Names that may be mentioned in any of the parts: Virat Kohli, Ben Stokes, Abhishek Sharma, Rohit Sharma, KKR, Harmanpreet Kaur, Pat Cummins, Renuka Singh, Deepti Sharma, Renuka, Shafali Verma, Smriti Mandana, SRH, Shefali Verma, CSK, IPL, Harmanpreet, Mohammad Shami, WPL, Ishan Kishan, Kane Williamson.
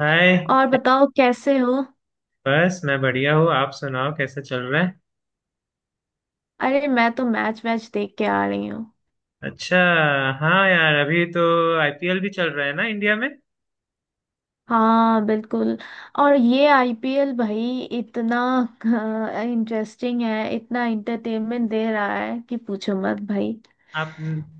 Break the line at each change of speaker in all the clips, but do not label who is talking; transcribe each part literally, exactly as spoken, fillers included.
हाय।
और बताओ कैसे हो।
बस, मैं बढ़िया हूँ। आप सुनाओ, कैसे चल रहा है?
अरे मैं तो मैच वैच देख के आ रही हूँ।
अच्छा। हाँ यार, अभी तो आईपीएल भी चल रहा है ना इंडिया में।
हाँ बिल्कुल। और ये आईपीएल भाई इतना इंटरेस्टिंग है, इतना इंटरटेनमेंट दे रहा है कि पूछो मत भाई।
आप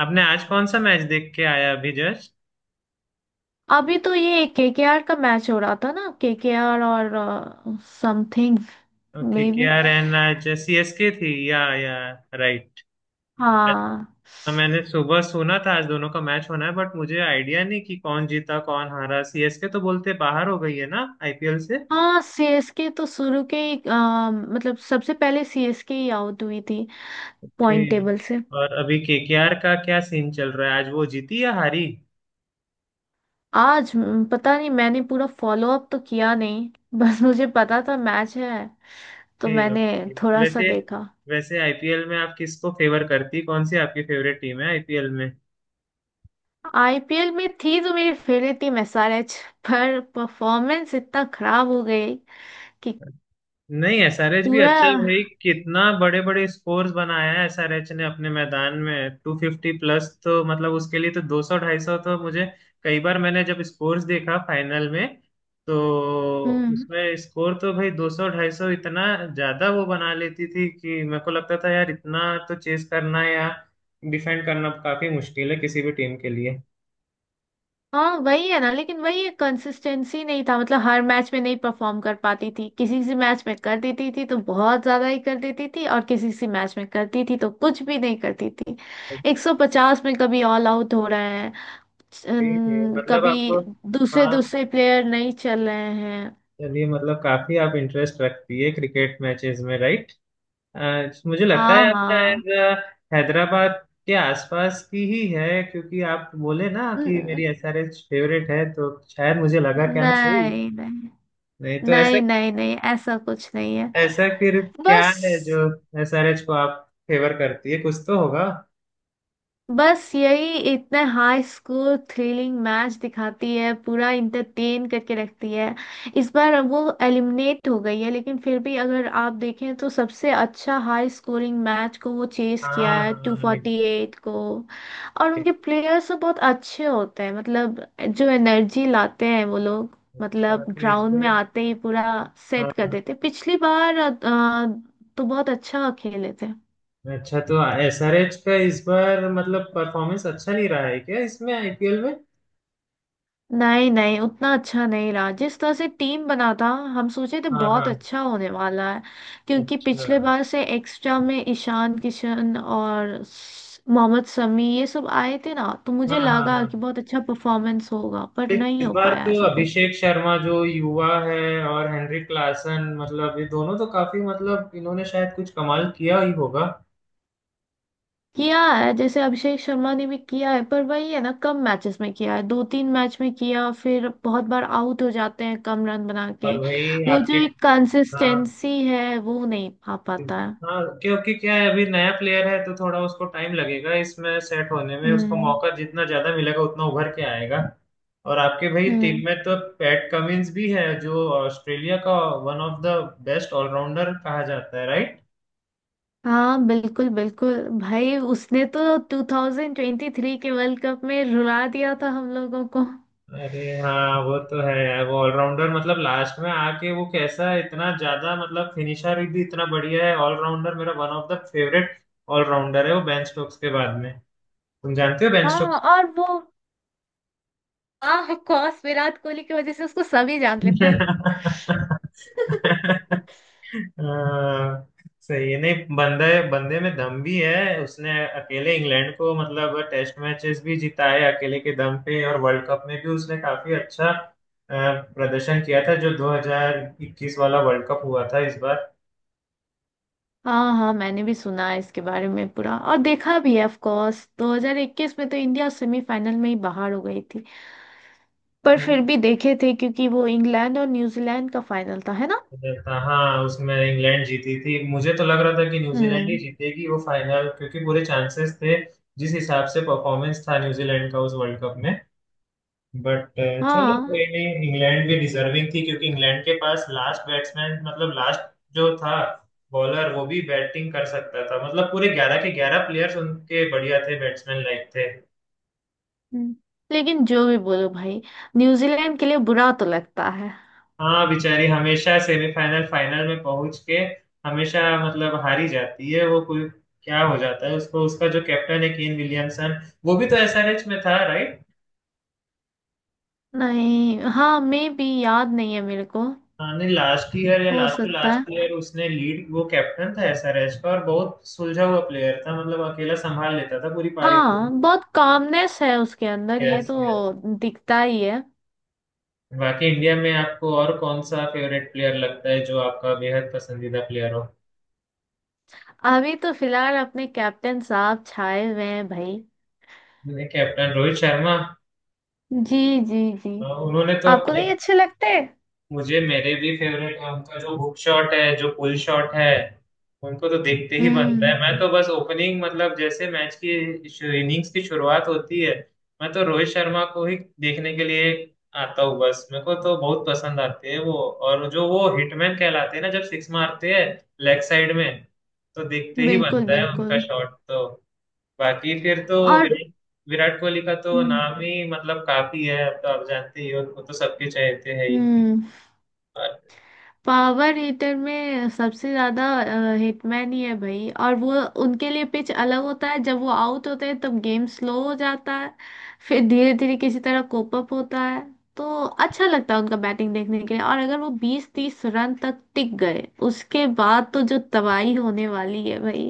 आपने आज कौन सा मैच देख के आया अभी जस्ट?
अभी तो ये केकेआर का मैच हो रहा था ना, केकेआर और समथिंग।
ओके,
मे
के
बी।
आर एन, आज सीएसके थी या या राइट?
हाँ।
अच्छा, मैंने सुबह सुना था आज दोनों का मैच होना है, बट मुझे आइडिया नहीं कि कौन जीता कौन हारा। सीएसके तो बोलते बाहर हो गई है ना आईपीएल से।
हाँ, सीएसके तो शुरू के ही अ, मतलब सबसे पहले सीएसके ही आउट हुई थी
के।
पॉइंट टेबल से।
और अभी केकेआर का क्या सीन चल रहा है? आज वो जीती या हारी?
आज हम्म, पता नहीं, मैंने पूरा फॉलो अप तो किया नहीं बस मुझे पता था मैच है तो
ओके,
मैंने
ओके, तो
थोड़ा सा
वैसे
देखा।
वैसे आईपीएल में आप किसको फेवर करती? कौन सी आपकी फेवरेट टीम है आईपीएल में?
आईपीएल में थी तो मेरी फेवरेट टीम एसआरएच, पर परफॉर्मेंस इतना खराब हो गई कि
नहीं, एसआरएच भी
पूरा।
अच्छा है भाई। कितना बड़े बड़े स्कोर्स बनाया है एसआरएच ने अपने मैदान में। टू फिफ्टी प्लस, तो मतलब उसके लिए तो दो सौ ढाई सौ तो मुझे कई बार, मैंने जब स्कोर्स देखा फाइनल में, तो
हम्म।
उसमें स्कोर तो भाई दो सौ ढाई सौ इतना ज्यादा वो बना लेती थी कि मेरे को लगता था यार, इतना तो चेस करना या डिफेंड करना काफी मुश्किल है किसी भी टीम के लिए।
हाँ वही है ना। लेकिन वही है, कंसिस्टेंसी नहीं था। मतलब हर मैच में नहीं परफॉर्म कर पाती थी, किसी किसी मैच में कर देती थी तो बहुत ज्यादा ही कर देती थी, और किसी किसी मैच में करती थी तो कुछ भी नहीं करती थी। एक सौ पचास में कभी ऑल आउट हो रहे हैं,
ठीक है,
अन-
मतलब
कभी
आपको।
दूसरे
हाँ।
दूसरे प्लेयर नहीं चल रहे हैं।
चलिए, मतलब काफी आप इंटरेस्ट रखती है क्रिकेट मैचेस में, राइट? मुझे लगता
हाँ।
है आप
हाँ।
शायद अ, हैदराबाद के आसपास की ही है, क्योंकि आप बोले ना कि मेरी
न-
एसआरएच फेवरेट है, तो शायद मुझे लगा। क्या मैं सही हूँ?
नहीं नहीं।
नहीं तो ऐसा।
नहीं नहीं नहीं, ऐसा कुछ नहीं है।
ऐसा फिर क्या
बस।
है जो एसआरएच को आप फेवर करती है? कुछ तो होगा।
बस यही, इतने हाई स्कूल थ्रिलिंग मैच दिखाती है, पूरा इंटरटेन करके रखती है। इस बार वो एलिमिनेट हो गई है, लेकिन फिर भी अगर आप देखें तो सबसे अच्छा हाई स्कोरिंग मैच को वो चेस
हाँ,
किया है टू
हाँ।
फोर्टी एट को। और उनके प्लेयर्स तो बहुत अच्छे होते हैं, मतलब जो एनर्जी लाते हैं वो लोग।
अच्छा,
मतलब
तो इस
ग्राउंड में
बार।
आते ही पूरा सेट कर
हाँ।
देते, पिछली बार अ, तो बहुत अच्छा खेले थे।
अच्छा, तो एसआरएच का इस बार मतलब परफॉर्मेंस अच्छा नहीं रहा है क्या इसमें आईपीएल में?
नहीं नहीं, उतना अच्छा नहीं रहा जिस तरह से टीम बना था। हम सोचे थे
हाँ,
बहुत
हाँ।
अच्छा होने वाला है क्योंकि
अच्छा।
पिछले बार से एक्स्ट्रा में ईशान किशन और स- मोहम्मद शमी ये सब आए थे ना, तो
हाँ,
मुझे
हाँ,
लगा
हाँ।
कि बहुत अच्छा परफॉर्मेंस होगा, पर
लेकिन
नहीं
इस
हो
बार
पाया
तो
ऐसा कुछ।
अभिषेक शर्मा जो युवा है, और हेनरी क्लासन, मतलब ये दोनों तो काफी, मतलब इन्होंने शायद कुछ कमाल किया ही होगा।
किया है, जैसे अभिषेक शर्मा ने भी किया है, पर वही है ना, कम मैचेस में किया है, दो तीन मैच में किया, फिर बहुत बार आउट हो जाते हैं कम रन बना के।
और भाई
वो
आपके।
जो एक
हाँ,
कंसिस्टेंसी है वो नहीं आ पाता है।
हाँ। क्योंकि क्या है, अभी नया प्लेयर है तो थोड़ा उसको टाइम लगेगा इसमें सेट होने में। उसको
हम्म।
मौका जितना ज्यादा मिलेगा उतना उभर के आएगा। और आपके भाई टीम
हम्म।
में तो पैट कमिंस भी है, जो ऑस्ट्रेलिया का one of the best allrounder कहा जाता है, राइट?
हाँ बिल्कुल बिल्कुल। भाई उसने तो ट्वेंटी ट्वेंटी थ्री के वर्ल्ड कप में रुला दिया था हम लोगों को।
अरे हाँ, वो तो है यार। वो ऑलराउंडर, मतलब लास्ट में आके वो कैसा इतना ज्यादा, मतलब फिनिशर भी इतना बढ़िया है। ऑलराउंडर मेरा one of the favourite allrounder है वो, बेन स्टोक्स के बाद में। तुम जानते हो बेन।
हाँ। और वो ऑफ कोर्स विराट कोहली की वजह से उसको सभी जान लेते हैं।
अह, सही है। नहीं, बंदे बंदे में दम भी है उसने। अकेले इंग्लैंड को मतलब टेस्ट मैचेस भी जीता है अकेले के दम पे, और वर्ल्ड कप में भी उसने काफी अच्छा अह, प्रदर्शन किया था, जो दो हज़ार इक्कीस वाला वर्ल्ड कप हुआ था इस बार।
हाँ हाँ, मैंने भी सुना है इसके बारे में पूरा, और देखा भी है ऑफ कोर्स। दो हज़ार इक्कीस में तो इंडिया सेमीफाइनल में ही बाहर हो गई थी, पर फिर भी देखे थे क्योंकि वो इंग्लैंड और न्यूजीलैंड का फाइनल था, है ना।
था हाँ, उसमें इंग्लैंड जीती थी। मुझे तो लग रहा था कि न्यूजीलैंड ही
हम्म।
जीतेगी वो फाइनल, क्योंकि पूरे चांसेस थे जिस हिसाब से परफॉर्मेंस था न्यूजीलैंड का उस वर्ल्ड कप में, बट चलो, कोई
हाँ।
नहीं। इंग्लैंड भी डिजर्विंग थी, क्योंकि इंग्लैंड के पास लास्ट बैट्समैन, मतलब लास्ट जो था बॉलर, वो भी बैटिंग कर सकता था। मतलब पूरे ग्यारह के ग्यारह प्लेयर्स उनके बढ़िया थे, बैट्समैन लाइक थे।
हम्म। लेकिन जो भी बोलो भाई, न्यूजीलैंड के लिए बुरा तो लगता है।
हाँ बेचारी, हमेशा सेमीफाइनल फाइनल में पहुंच के हमेशा, मतलब हारी जाती है वो कोई। क्या हो जाता है उसको? उसका जो कैप्टन है केन विलियमसन, वो भी तो एसआरएच में था, right?
नहीं। हाँ, मैं भी याद नहीं है मेरे को।
हाँ नहीं, लास्ट ईयर या
हो
लास्ट टू
सकता है।
लास्ट ईयर उसने लीड, वो कैप्टन था एसआरएच का, और बहुत सुलझा हुआ प्लेयर था, मतलब अकेला संभाल लेता था पूरी पारी को।
हाँ, बहुत कामनेस है उसके अंदर, ये
यस, यस।
तो दिखता ही है।
बाकी इंडिया में आपको और कौन सा फेवरेट प्लेयर लगता है, जो आपका बेहद पसंदीदा प्लेयर हो?
अभी तो फिलहाल अपने कैप्टन साहब छाए हुए हैं भाई।
मैंने कैप्टन रोहित शर्मा।
जी। जी। जी,
अ, उन्होंने तो अब।
आपको नहीं अच्छे लगते?
मुझे, मेरे भी फेवरेट है उनका। जो हुक शॉट है, जो पुल शॉट है, उनको तो देखते ही बनता
हम्म।
है। मैं तो बस ओपनिंग, मतलब जैसे मैच की इनिंग्स की शुरुआत होती है, मैं तो रोहित शर्मा को ही देखने के लिए आता हूँ। बस मेरे को तो बहुत पसंद आते हैं वो। और जो वो हिटमैन कहलाते हैं ना, जब सिक्स मारते हैं लेग साइड में, तो देखते ही
बिल्कुल
बनता है उनका
बिल्कुल।
शॉट तो। बाकी फिर तो
और
विराट विराट कोहली का तो
हम्म।
नाम ही मतलब काफी है। तो आप जानते ही हो उनको तो, सबके चाहते हैं ही।
हम्म। पावर हीटर में सबसे ज्यादा हिटमैन ही है भाई। और वो, उनके लिए पिच अलग होता है, जब वो आउट होते हैं तब गेम स्लो हो जाता है, फिर धीरे धीरे किसी तरह कोप अप होता है। तो अच्छा लगता है उनका बैटिंग देखने के लिए, और अगर वो बीस तीस रन तक टिक गए उसके बाद तो जो तबाही होने वाली है भाई।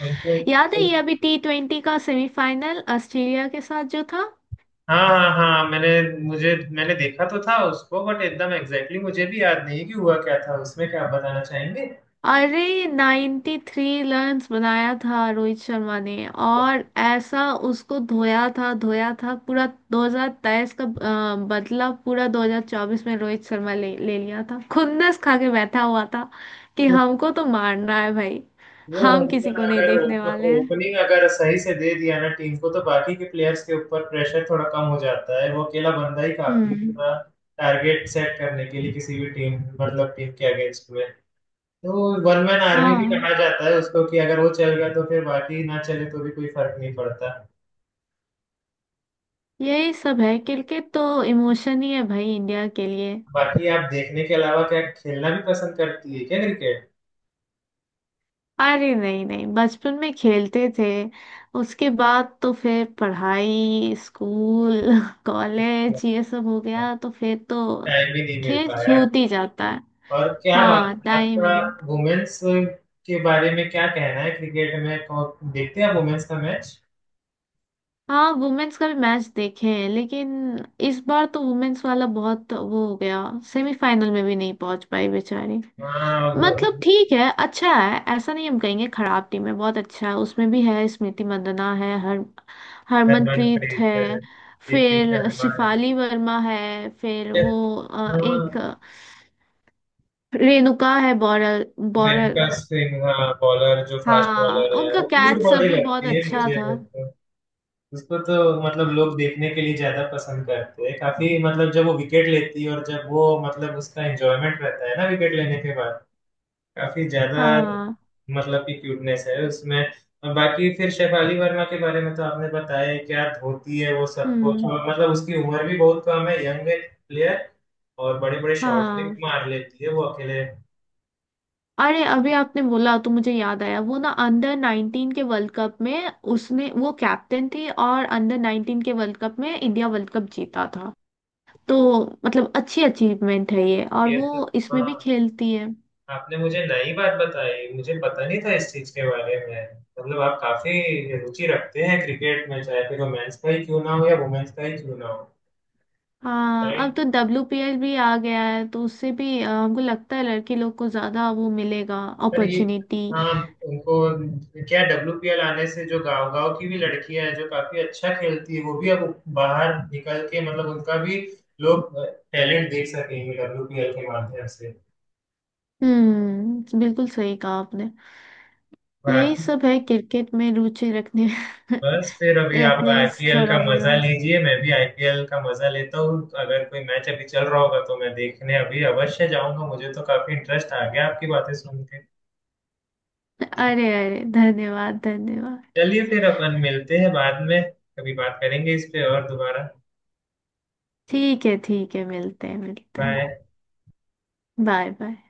उनके।
याद है ये अभी टी ट्वेंटी का सेमीफाइनल ऑस्ट्रेलिया के साथ जो था?
हाँ, हाँ, हाँ। मैंने, मुझे मैंने देखा तो था उसको, बट एकदम एग्जैक्टली मुझे भी याद नहीं कि हुआ क्या था उसमें। क्या आप बताना चाहेंगे?
अरे नाइंटी थ्री थ्री रन्स बनाया था रोहित शर्मा ने, और ऐसा उसको धोया था, धोया था पूरा। दो हज़ार तेईस का अ, बदला पूरा दो हज़ार चौबीस में रोहित शर्मा ले ले लिया था, खुन्नस खा के बैठा हुआ था कि हमको तो मारना है भाई,
वो
हम
बंदा
किसी को नहीं
अगर
देखने वाले हैं।
ओपनिंग अगर सही से दे दिया ना टीम को, तो बाकी के प्लेयर्स के ऊपर प्रेशर थोड़ा कम हो जाता है। वो अकेला बंदा ही काफी है
हम्म।
पूरा टारगेट सेट करने के लिए किसी भी टीम, मतलब टीम के अगेंस्ट में। तो वन मैन आर्मी भी
हाँ,
कहा जाता है उसको, कि अगर वो चल गया तो फिर बाकी ना चले तो भी कोई फर्क नहीं पड़ता।
यही सब है, क्रिकेट तो इमोशन ही है भाई इंडिया के लिए।
बाकी आप देखने के अलावा क्या खेलना भी पसंद करती है क्या क्रिकेट?
अरे नहीं नहीं, बचपन में खेलते थे, उसके बाद तो फिर पढ़ाई, स्कूल कॉलेज ये सब हो गया, तो फिर तो
टाइम भी नहीं मिल
खेल
पाया।
छूट ही जाता है।
और क्या बात
हाँ, टाइम
आपका
ही।
वुमेन्स के बारे में क्या कहना है क्रिकेट में? कौन- देखते हैं आप वुमेन्स का मैच?
हाँ, वुमेन्स का भी मैच देखे हैं, लेकिन इस बार तो वुमेन्स वाला बहुत वो हो गया, सेमीफाइनल में भी नहीं पहुंच पाई बेचारी।
हाँ, वो
मतलब ठीक है, अच्छा है, ऐसा नहीं हम कहेंगे खराब टीम है, बहुत अच्छा है, उसमें भी है स्मृति मंदना है, हर हरमनप्रीत
हरमनप्रीत है,
है,
दीप्ति
फिर
शर्मा है।
शिफाली वर्मा है, फिर वो अ, एक
हाँ,
अ, रेणुका है बॉलर। बॉलर।
रेणुका सिंह, हाँ बॉलर, जो फास्ट
हाँ,
बॉलर है,
उनका
वो क्यूट
कैच सब
बॉडी
भी बहुत
लगती है
अच्छा
मुझे।
था।
उसको तो, मतलब लोग देखने के लिए ज्यादा पसंद करते हैं काफी, मतलब जब वो विकेट लेती है, और जब वो, मतलब उसका एंजॉयमेंट रहता है ना विकेट लेने के बाद, काफी ज्यादा,
हाँ।
मतलब की क्यूटनेस है उसमें। और बाकी फिर शेफाली वर्मा के बारे में तो आपने बताया ही, क्या धोती है वो सब कुछ।
हम्म।
और मतलब उसकी उम्र भी बहुत कम है, यंग प्लेयर, और बड़े बड़े शॉट भी
हाँ,
मार लेती है वो अकेले।
अरे अभी आपने बोला तो मुझे याद आया, वो ना अंडर नाइंटीन के वर्ल्ड कप में उसने वो कैप्टन थी, और अंडर नाइंटीन के वर्ल्ड कप में इंडिया वर्ल्ड कप जीता था। तो मतलब अच्छी अचीवमेंट है ये, और
ये तो।
वो इसमें
हाँ,
भी खेलती है।
आपने मुझे नई बात बताई, मुझे पता नहीं था इस चीज के बारे में। मतलब आप काफी रुचि रखते हैं क्रिकेट में, चाहे फिर वो मेंस का ही क्यों ना हो या वुमेन्स का ही क्यों ना हो।
हाँ,
राइट।
अब तो डब्ल्यूपीएल भी आ गया है तो उससे भी अ, हमको लगता है लड़की लोग को ज्यादा वो मिलेगा,
पर ये।
अपॉर्चुनिटी।
हाँ। उनको। क्या डब्ल्यूपीएल आने से जो गांव गांव की भी लड़कियां हैं जो काफी अच्छा खेलती है, वो भी अब बाहर निकल के, मतलब उनका भी लोग टैलेंट देख सकेंगे डब्ल्यूपीएल के माध्यम से।
हम्म बिल्कुल सही कहा आपने।
वाह।
यही सब है, क्रिकेट में रुचि रखने
बस फिर अभी आप
रखने में,
आईपीएल का
थोड़ा मोड़ा।
मजा लीजिए, मैं भी आईपीएल का मजा लेता हूँ। अगर कोई मैच अभी चल रहा होगा तो मैं देखने अभी अवश्य जाऊंगा। मुझे तो काफी इंटरेस्ट आ गया आपकी बातें सुन के। जी।
अरे अरे, धन्यवाद धन्यवाद।
चलिए फिर, अपन मिलते हैं बाद में। कभी बात करेंगे इस पे और दोबारा।
ठीक है ठीक है, मिलते हैं मिलते हैं।
बाय।
Bye bye.